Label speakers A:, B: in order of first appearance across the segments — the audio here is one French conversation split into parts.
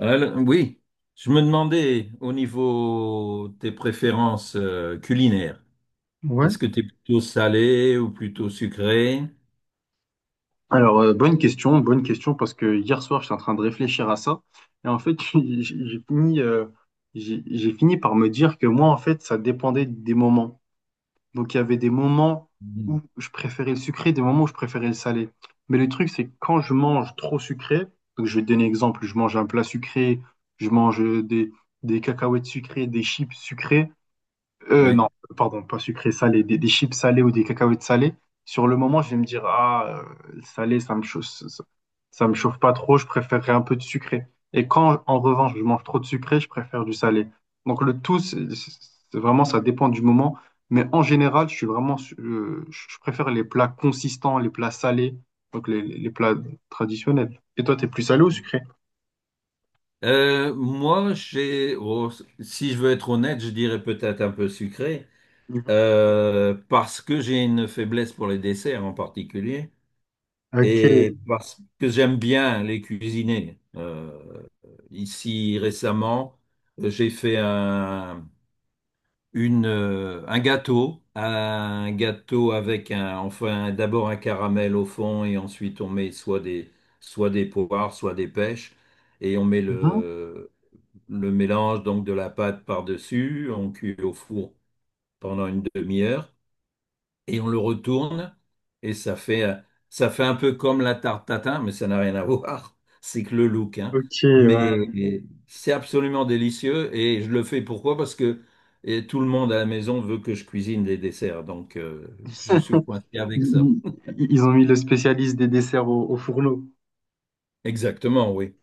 A: Oui, je me demandais au niveau des préférences culinaires,
B: Ouais.
A: est-ce que tu es plutôt salé ou plutôt sucré?
B: Alors, bonne question, parce que hier soir, j'étais en train de réfléchir à ça. Et en fait, j'ai fini, j'ai fini par me dire que moi, en fait, ça dépendait des moments. Donc, il y avait des moments où
A: Mhm.
B: je préférais le sucré, des moments où je préférais le salé. Mais le truc, c'est que quand je mange trop sucré, donc je vais te donner un exemple, je mange un plat sucré, je mange des cacahuètes sucrées, des chips sucrées,
A: Ouais.
B: non, pardon, pas sucré, salé, des chips salées ou des cacahuètes salées. Sur le moment, je vais me dire, ah, salé, ça me chauffe, ça, ça me chauffe pas trop, je préférerais un peu de sucré. Et quand, en revanche, je mange trop de sucré, je préfère du salé. Donc le tout, c'est vraiment, ça dépend du moment. Mais en général, je suis vraiment, je préfère les plats consistants, les plats salés, donc les, les plats traditionnels. Et toi, t'es plus salé ou sucré?
A: Moi, oh, si je veux être honnête, je dirais peut-être un peu sucré,
B: Mhm.
A: parce que j'ai une faiblesse pour les desserts en particulier,
B: Ok.
A: et parce que j'aime bien les cuisiner. Ici, récemment, j'ai fait un. Un gâteau avec un, enfin d'abord un caramel au fond et ensuite on met soit des poires, soit des pêches et on met
B: Mhm.
A: le mélange donc de la pâte par-dessus, on cuit au four pendant une demi-heure et on le retourne et ça fait un peu comme la tarte tatin, mais ça n'a rien à voir. C'est que le look, hein.
B: Ok,
A: Mais
B: ouais.
A: c'est absolument délicieux et je le fais pourquoi? Parce que et tout le monde à la maison veut que je cuisine des desserts, donc je suis coincé avec ça.
B: Ils, ils ont mis le spécialiste des desserts au, au fourneau.
A: Exactement, oui.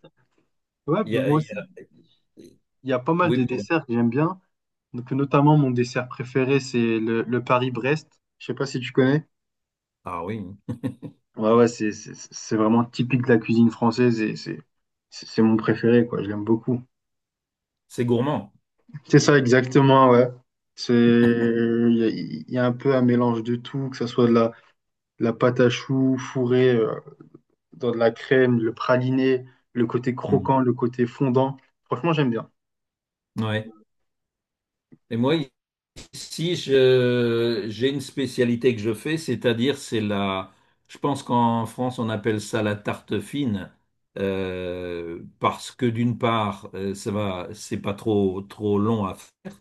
B: Ouais, bah,
A: Il y a-
B: moi
A: il y
B: aussi,
A: a-
B: il y a pas mal
A: Oui,
B: de
A: pardon.
B: desserts que j'aime bien. Donc, notamment, mon dessert préféré, c'est le Paris-Brest. Je sais pas si tu connais.
A: Ah oui,
B: Ouais, ouais, c'est vraiment typique de la cuisine française et c'est c'est mon préféré, quoi. Je l'aime beaucoup.
A: c'est gourmand.
B: C'est ça, exactement, ouais. C'est, il y a un peu un mélange de tout, que ce soit de la pâte à choux fourrée dans de la crème, le praliné, le côté
A: Mm.
B: croquant, le côté fondant. Franchement, j'aime bien.
A: Ouais. Et moi, Si je, j'ai une spécialité que je fais, je pense qu'en France on appelle ça la tarte fine, parce que d'une part ça va, c'est pas trop trop long à faire,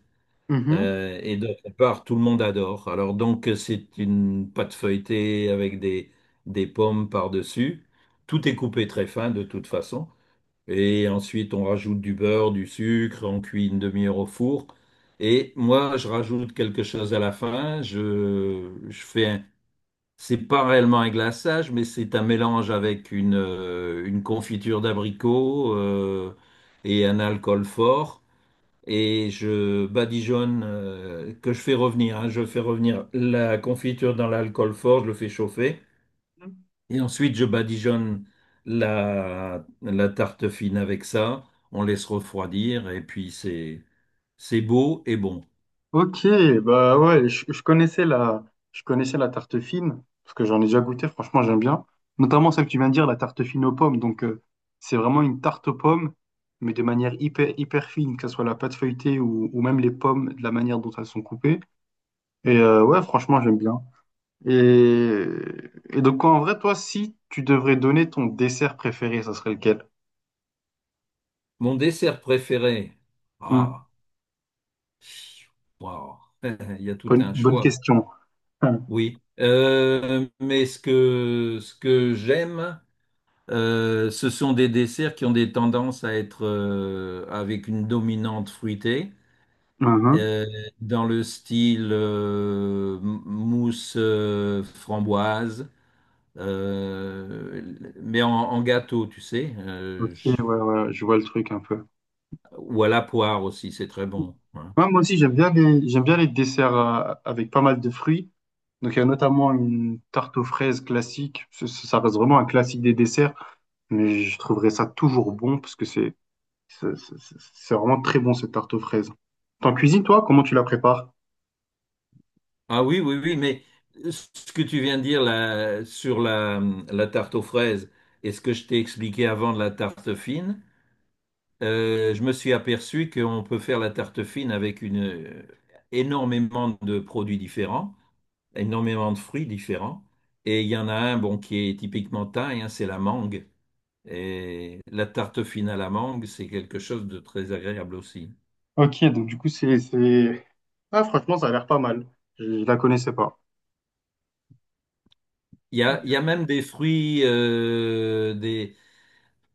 A: et d'autre part tout le monde adore. Alors donc c'est une pâte feuilletée avec des pommes par-dessus. Tout est coupé très fin de toute façon. Et ensuite, on rajoute du beurre, du sucre, on cuit une demi-heure au four. Et moi, je rajoute quelque chose à la fin. Je fais un, c'est pas réellement un glaçage, mais c'est un mélange avec une confiture d'abricot et un alcool fort. Et je badigeonne, que je fais revenir, hein. Je fais revenir la confiture dans l'alcool fort, je le fais chauffer. Et ensuite, je badigeonne la tarte fine avec ça. On laisse refroidir et puis c'est beau et bon.
B: Ok, bah ouais, je connaissais la tarte fine, parce que j'en ai déjà goûté, franchement j'aime bien. Notamment celle que tu viens de dire, la tarte fine aux pommes. Donc c'est vraiment une tarte aux pommes, mais de manière hyper, hyper fine, que ce soit la pâte feuilletée ou même les pommes, de la manière dont elles sont coupées. Et ouais, franchement j'aime bien. Et, et donc en vrai, toi, si tu devrais donner ton dessert préféré, ça serait lequel?
A: Mon dessert préféré.
B: Hum.
A: Ah, waouh, il y a tout
B: Bonne,
A: un
B: bonne
A: choix.
B: question.
A: Oui. Mais ce que j'aime, ce sont des desserts qui ont des tendances à être avec une dominante fruitée.
B: Hum.
A: Euh, Dans le style mousse framboise, mais en, en gâteau, tu sais,
B: Ok, ouais, ouais, je vois le truc un peu.
A: ou à la poire aussi, c'est très bon, hein.
B: Ouais, moi aussi, j'aime bien les desserts avec pas mal de fruits. Donc, il y a notamment une tarte aux fraises classique. Ça, ça reste vraiment un classique des desserts, mais je trouverais ça toujours bon parce que c'est, c'est c'est- c'est vraiment très bon, cette tarte aux fraises. T'en cuisines, toi? Comment tu la prépares?
A: Ah oui, oui, oui, mais ce que tu viens de dire là, sur la tarte aux fraises et ce que je t'ai expliqué avant de la tarte fine. Je me suis aperçu qu'on peut faire la tarte fine avec énormément de produits différents, énormément de fruits différents. Et il y en a un bon, qui est typiquement thaï, hein, c'est la mangue. Et la tarte fine à la mangue, c'est quelque chose de très agréable aussi.
B: Ok, donc du coup, c'est... Ah, franchement, ça a l'air pas mal. Je la connaissais pas. Ok.
A: Il y a même des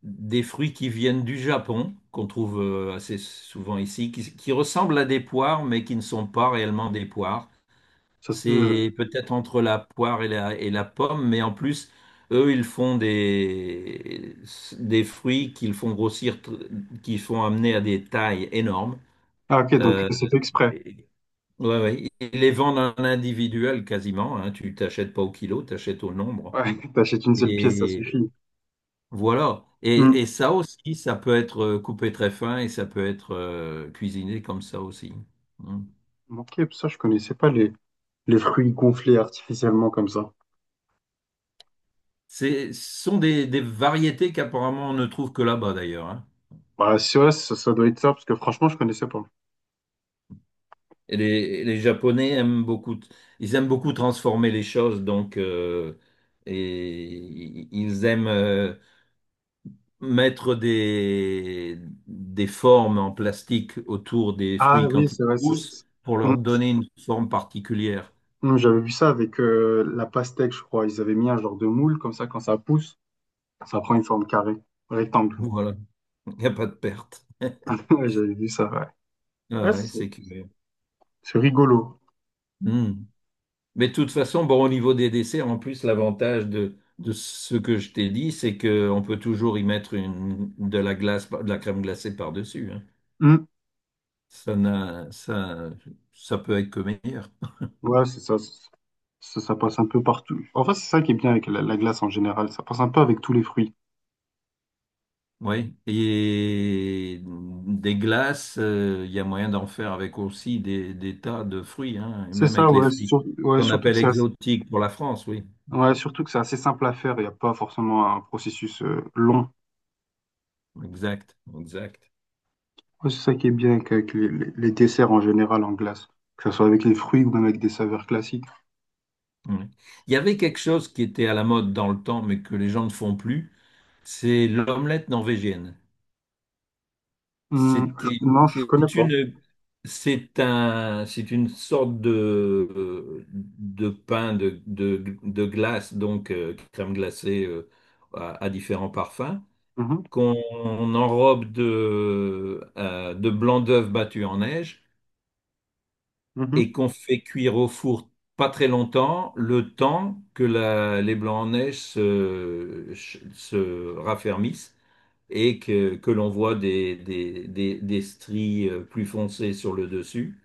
A: des fruits qui viennent du Japon, qu'on trouve assez souvent ici, qui ressemblent à des poires, mais qui ne sont pas réellement des poires.
B: Ça se-
A: C'est
B: euh,
A: peut-être entre la poire et et la pomme, mais en plus, eux, des fruits qu'ils font grossir, qu'ils font amener à des tailles énormes.
B: Ah, ok, donc
A: Euh,
B: c'est fait exprès.
A: et- ouais, ouais. Ils les vendent en individuel quasiment, hein. Tu t'achètes pas au kilo, t'achètes au nombre.
B: Ouais, t'achètes une seule pièce, ça
A: Et
B: suffit.
A: voilà.
B: Hmm.
A: Et ça aussi, ça peut être coupé très fin et ça peut être cuisiné comme ça aussi. Hmm.
B: Ok, ça, je connaissais pas les... Les fruits gonflés artificiellement comme ça.
A: Ce sont des variétés qu'apparemment on ne trouve que là-bas d'ailleurs, hein.
B: Bah, c'est vrai, ça doit être ça, parce que franchement, je connaissais pas.
A: Et les Japonais aiment beaucoup, ils aiment beaucoup transformer les choses, donc ils aiment mettre des formes en plastique autour des
B: Ah
A: fruits
B: oui,
A: quand ils
B: c'est vrai.
A: poussent pour
B: Mm.
A: leur donner une forme particulière.
B: Mm, j'avais vu ça avec la pastèque, je crois. Ils avaient mis un genre de moule, comme ça, quand ça pousse, ça prend une forme carrée, rectangle.
A: Voilà, il n'y a pas de perte.
B: Ouais, j'avais vu ça, ouais.
A: Ah
B: Ouais,
A: ouais,
B: c'est
A: c'est curieux.
B: c'est rigolo.
A: Hmm. Mais de toute façon, bon, au niveau des desserts, en plus, l'avantage de ce que je t'ai dit, c'est qu'on peut toujours y mettre de la glace, de la crème glacée par-dessus, hein.
B: Mm.
A: Ça n'a, Ça peut être que meilleur.
B: Ouais, c'est ça, ça. Ça passe un peu partout. En fait, c'est ça qui est bien avec la, la glace en général. Ça passe un peu avec tous les fruits.
A: Oui. Et des glaces, il y a moyen d'en faire avec aussi des tas de fruits, hein, et
B: C'est
A: même
B: ça,
A: avec les
B: ouais,
A: fruits
B: ouais,
A: qu'on
B: surtout que
A: appelle
B: c'est assez...
A: exotiques pour la France, oui.
B: ouais, surtout que c'est assez simple à faire. Il n'y a pas forcément un processus long.
A: Exact, exact.
B: Ouais, c'est ça qui est bien avec les, les desserts en général en glace, que ce soit avec les fruits ou même avec des saveurs classiques.
A: Oui. Il y avait quelque chose qui était à la mode dans le temps, mais que les gens ne font plus, c'est l'omelette norvégienne. C'était,
B: Non, je connais
A: c'est
B: pas.
A: une, c'est un, C'est une sorte de pain de glace, donc crème glacée à différents parfums,
B: Mhm,
A: qu'on enrobe de blanc d'œuf battu en neige
B: mhm.
A: et qu'on fait cuire au four pas très longtemps, le temps que les blancs en se raffermissent et que l'on voit des stries plus foncées sur le dessus.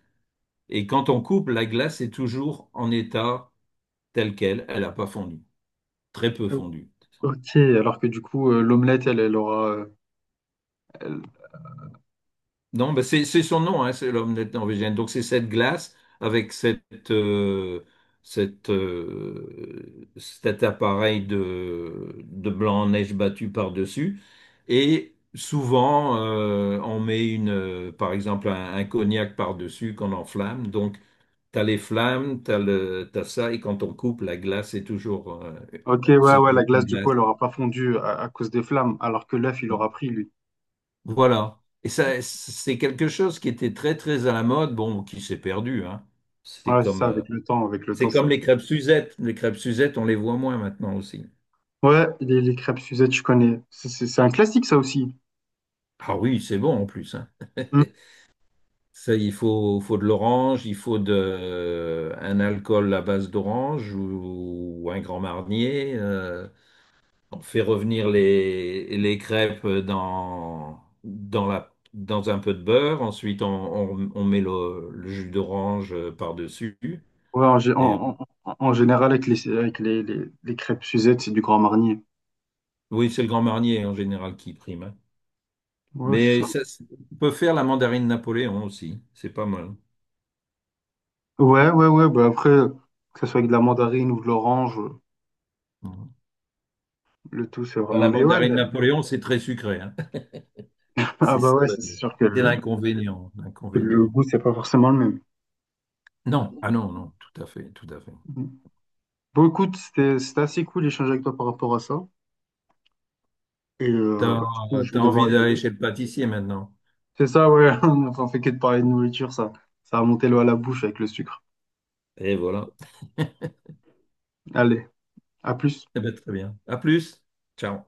A: Et quand on coupe, la glace est toujours en état tel quel. Elle n'a pas fondu, très peu
B: O-
A: fondu.
B: Ok, alors que du coup, l'omelette, elle, elle aura. Elle-
A: Non, ben c'est son nom, hein, c'est l'omelette norvégienne. Donc c'est cette glace avec cette, cet de blanc en neige battu par-dessus. Et souvent, on met par exemple un cognac par-dessus qu'on enflamme. Donc t'as les flammes, t'as ça, et quand on coupe, la glace est toujours,
B: Ok, ouais,
A: c'est
B: ouais, la
A: toujours une
B: glace, du coup,
A: glace.
B: elle aura pas fondu à cause des flammes, alors que l'œuf, il aura pris, lui.
A: Voilà. Et ça, c'est quelque chose qui était très, très à la mode, bon, qui s'est perdu, hein. C'est
B: Ouais, c'est
A: comme,
B: ça,
A: euh,
B: avec le
A: c'est
B: temps, ça.
A: comme les crêpes Suzette. Les crêpes Suzette, on les voit moins maintenant aussi.
B: Ouais, les crêpes Suzette, je connais. C'est un classique, ça aussi.
A: Ah oui, c'est bon en plus, hein.
B: Hum.
A: Ça, faut de l'orange, un alcool à base d'orange ou un Grand Marnier. On fait revenir les crêpes dans dans un peu de beurre. Ensuite, on met le jus d'orange par-dessus.
B: Ouais, en, gé-
A: Et, euh,
B: en- en- en- général, avec les crêpes Suzette, c'est du Grand Marnier.
A: oui, c'est le Grand Marnier en général qui prime, hein.
B: Ouais, c'est
A: Mais
B: ça.
A: on peut faire la mandarine Napoléon aussi. C'est pas mal.
B: Ouais, ouais, ouais, bah après, que ce soit avec de la mandarine ou de l'orange,
A: Mhm.
B: le tout c'est
A: Enfin,
B: vraiment.
A: la
B: Mais ouais,
A: mandarine
B: là-
A: Napoléon, c'est très sucré, hein.
B: ah
A: C'est
B: bah
A: ça,
B: ouais, ça, c'est
A: le-
B: sûr
A: c'est l'inconvénient.
B: que le
A: L'inconvénient.
B: goût c'est pas forcément le même.
A: Non, ah non, non, tout à fait, tout à fait.
B: Bon, écoute, c'était assez cool d'échanger avec toi par rapport à ça. Et
A: T'as,
B: bah, du coup, je
A: T'as
B: vais
A: envie
B: devoir y
A: d'aller
B: aller.
A: chez le pâtissier maintenant.
B: C'est ça, ouais, on fait que de parler de nourriture, ça. Ça a monté l'eau à la bouche avec le sucre.
A: Et voilà.
B: Allez, à plus.
A: Eh ben, très bien. À plus. Ciao.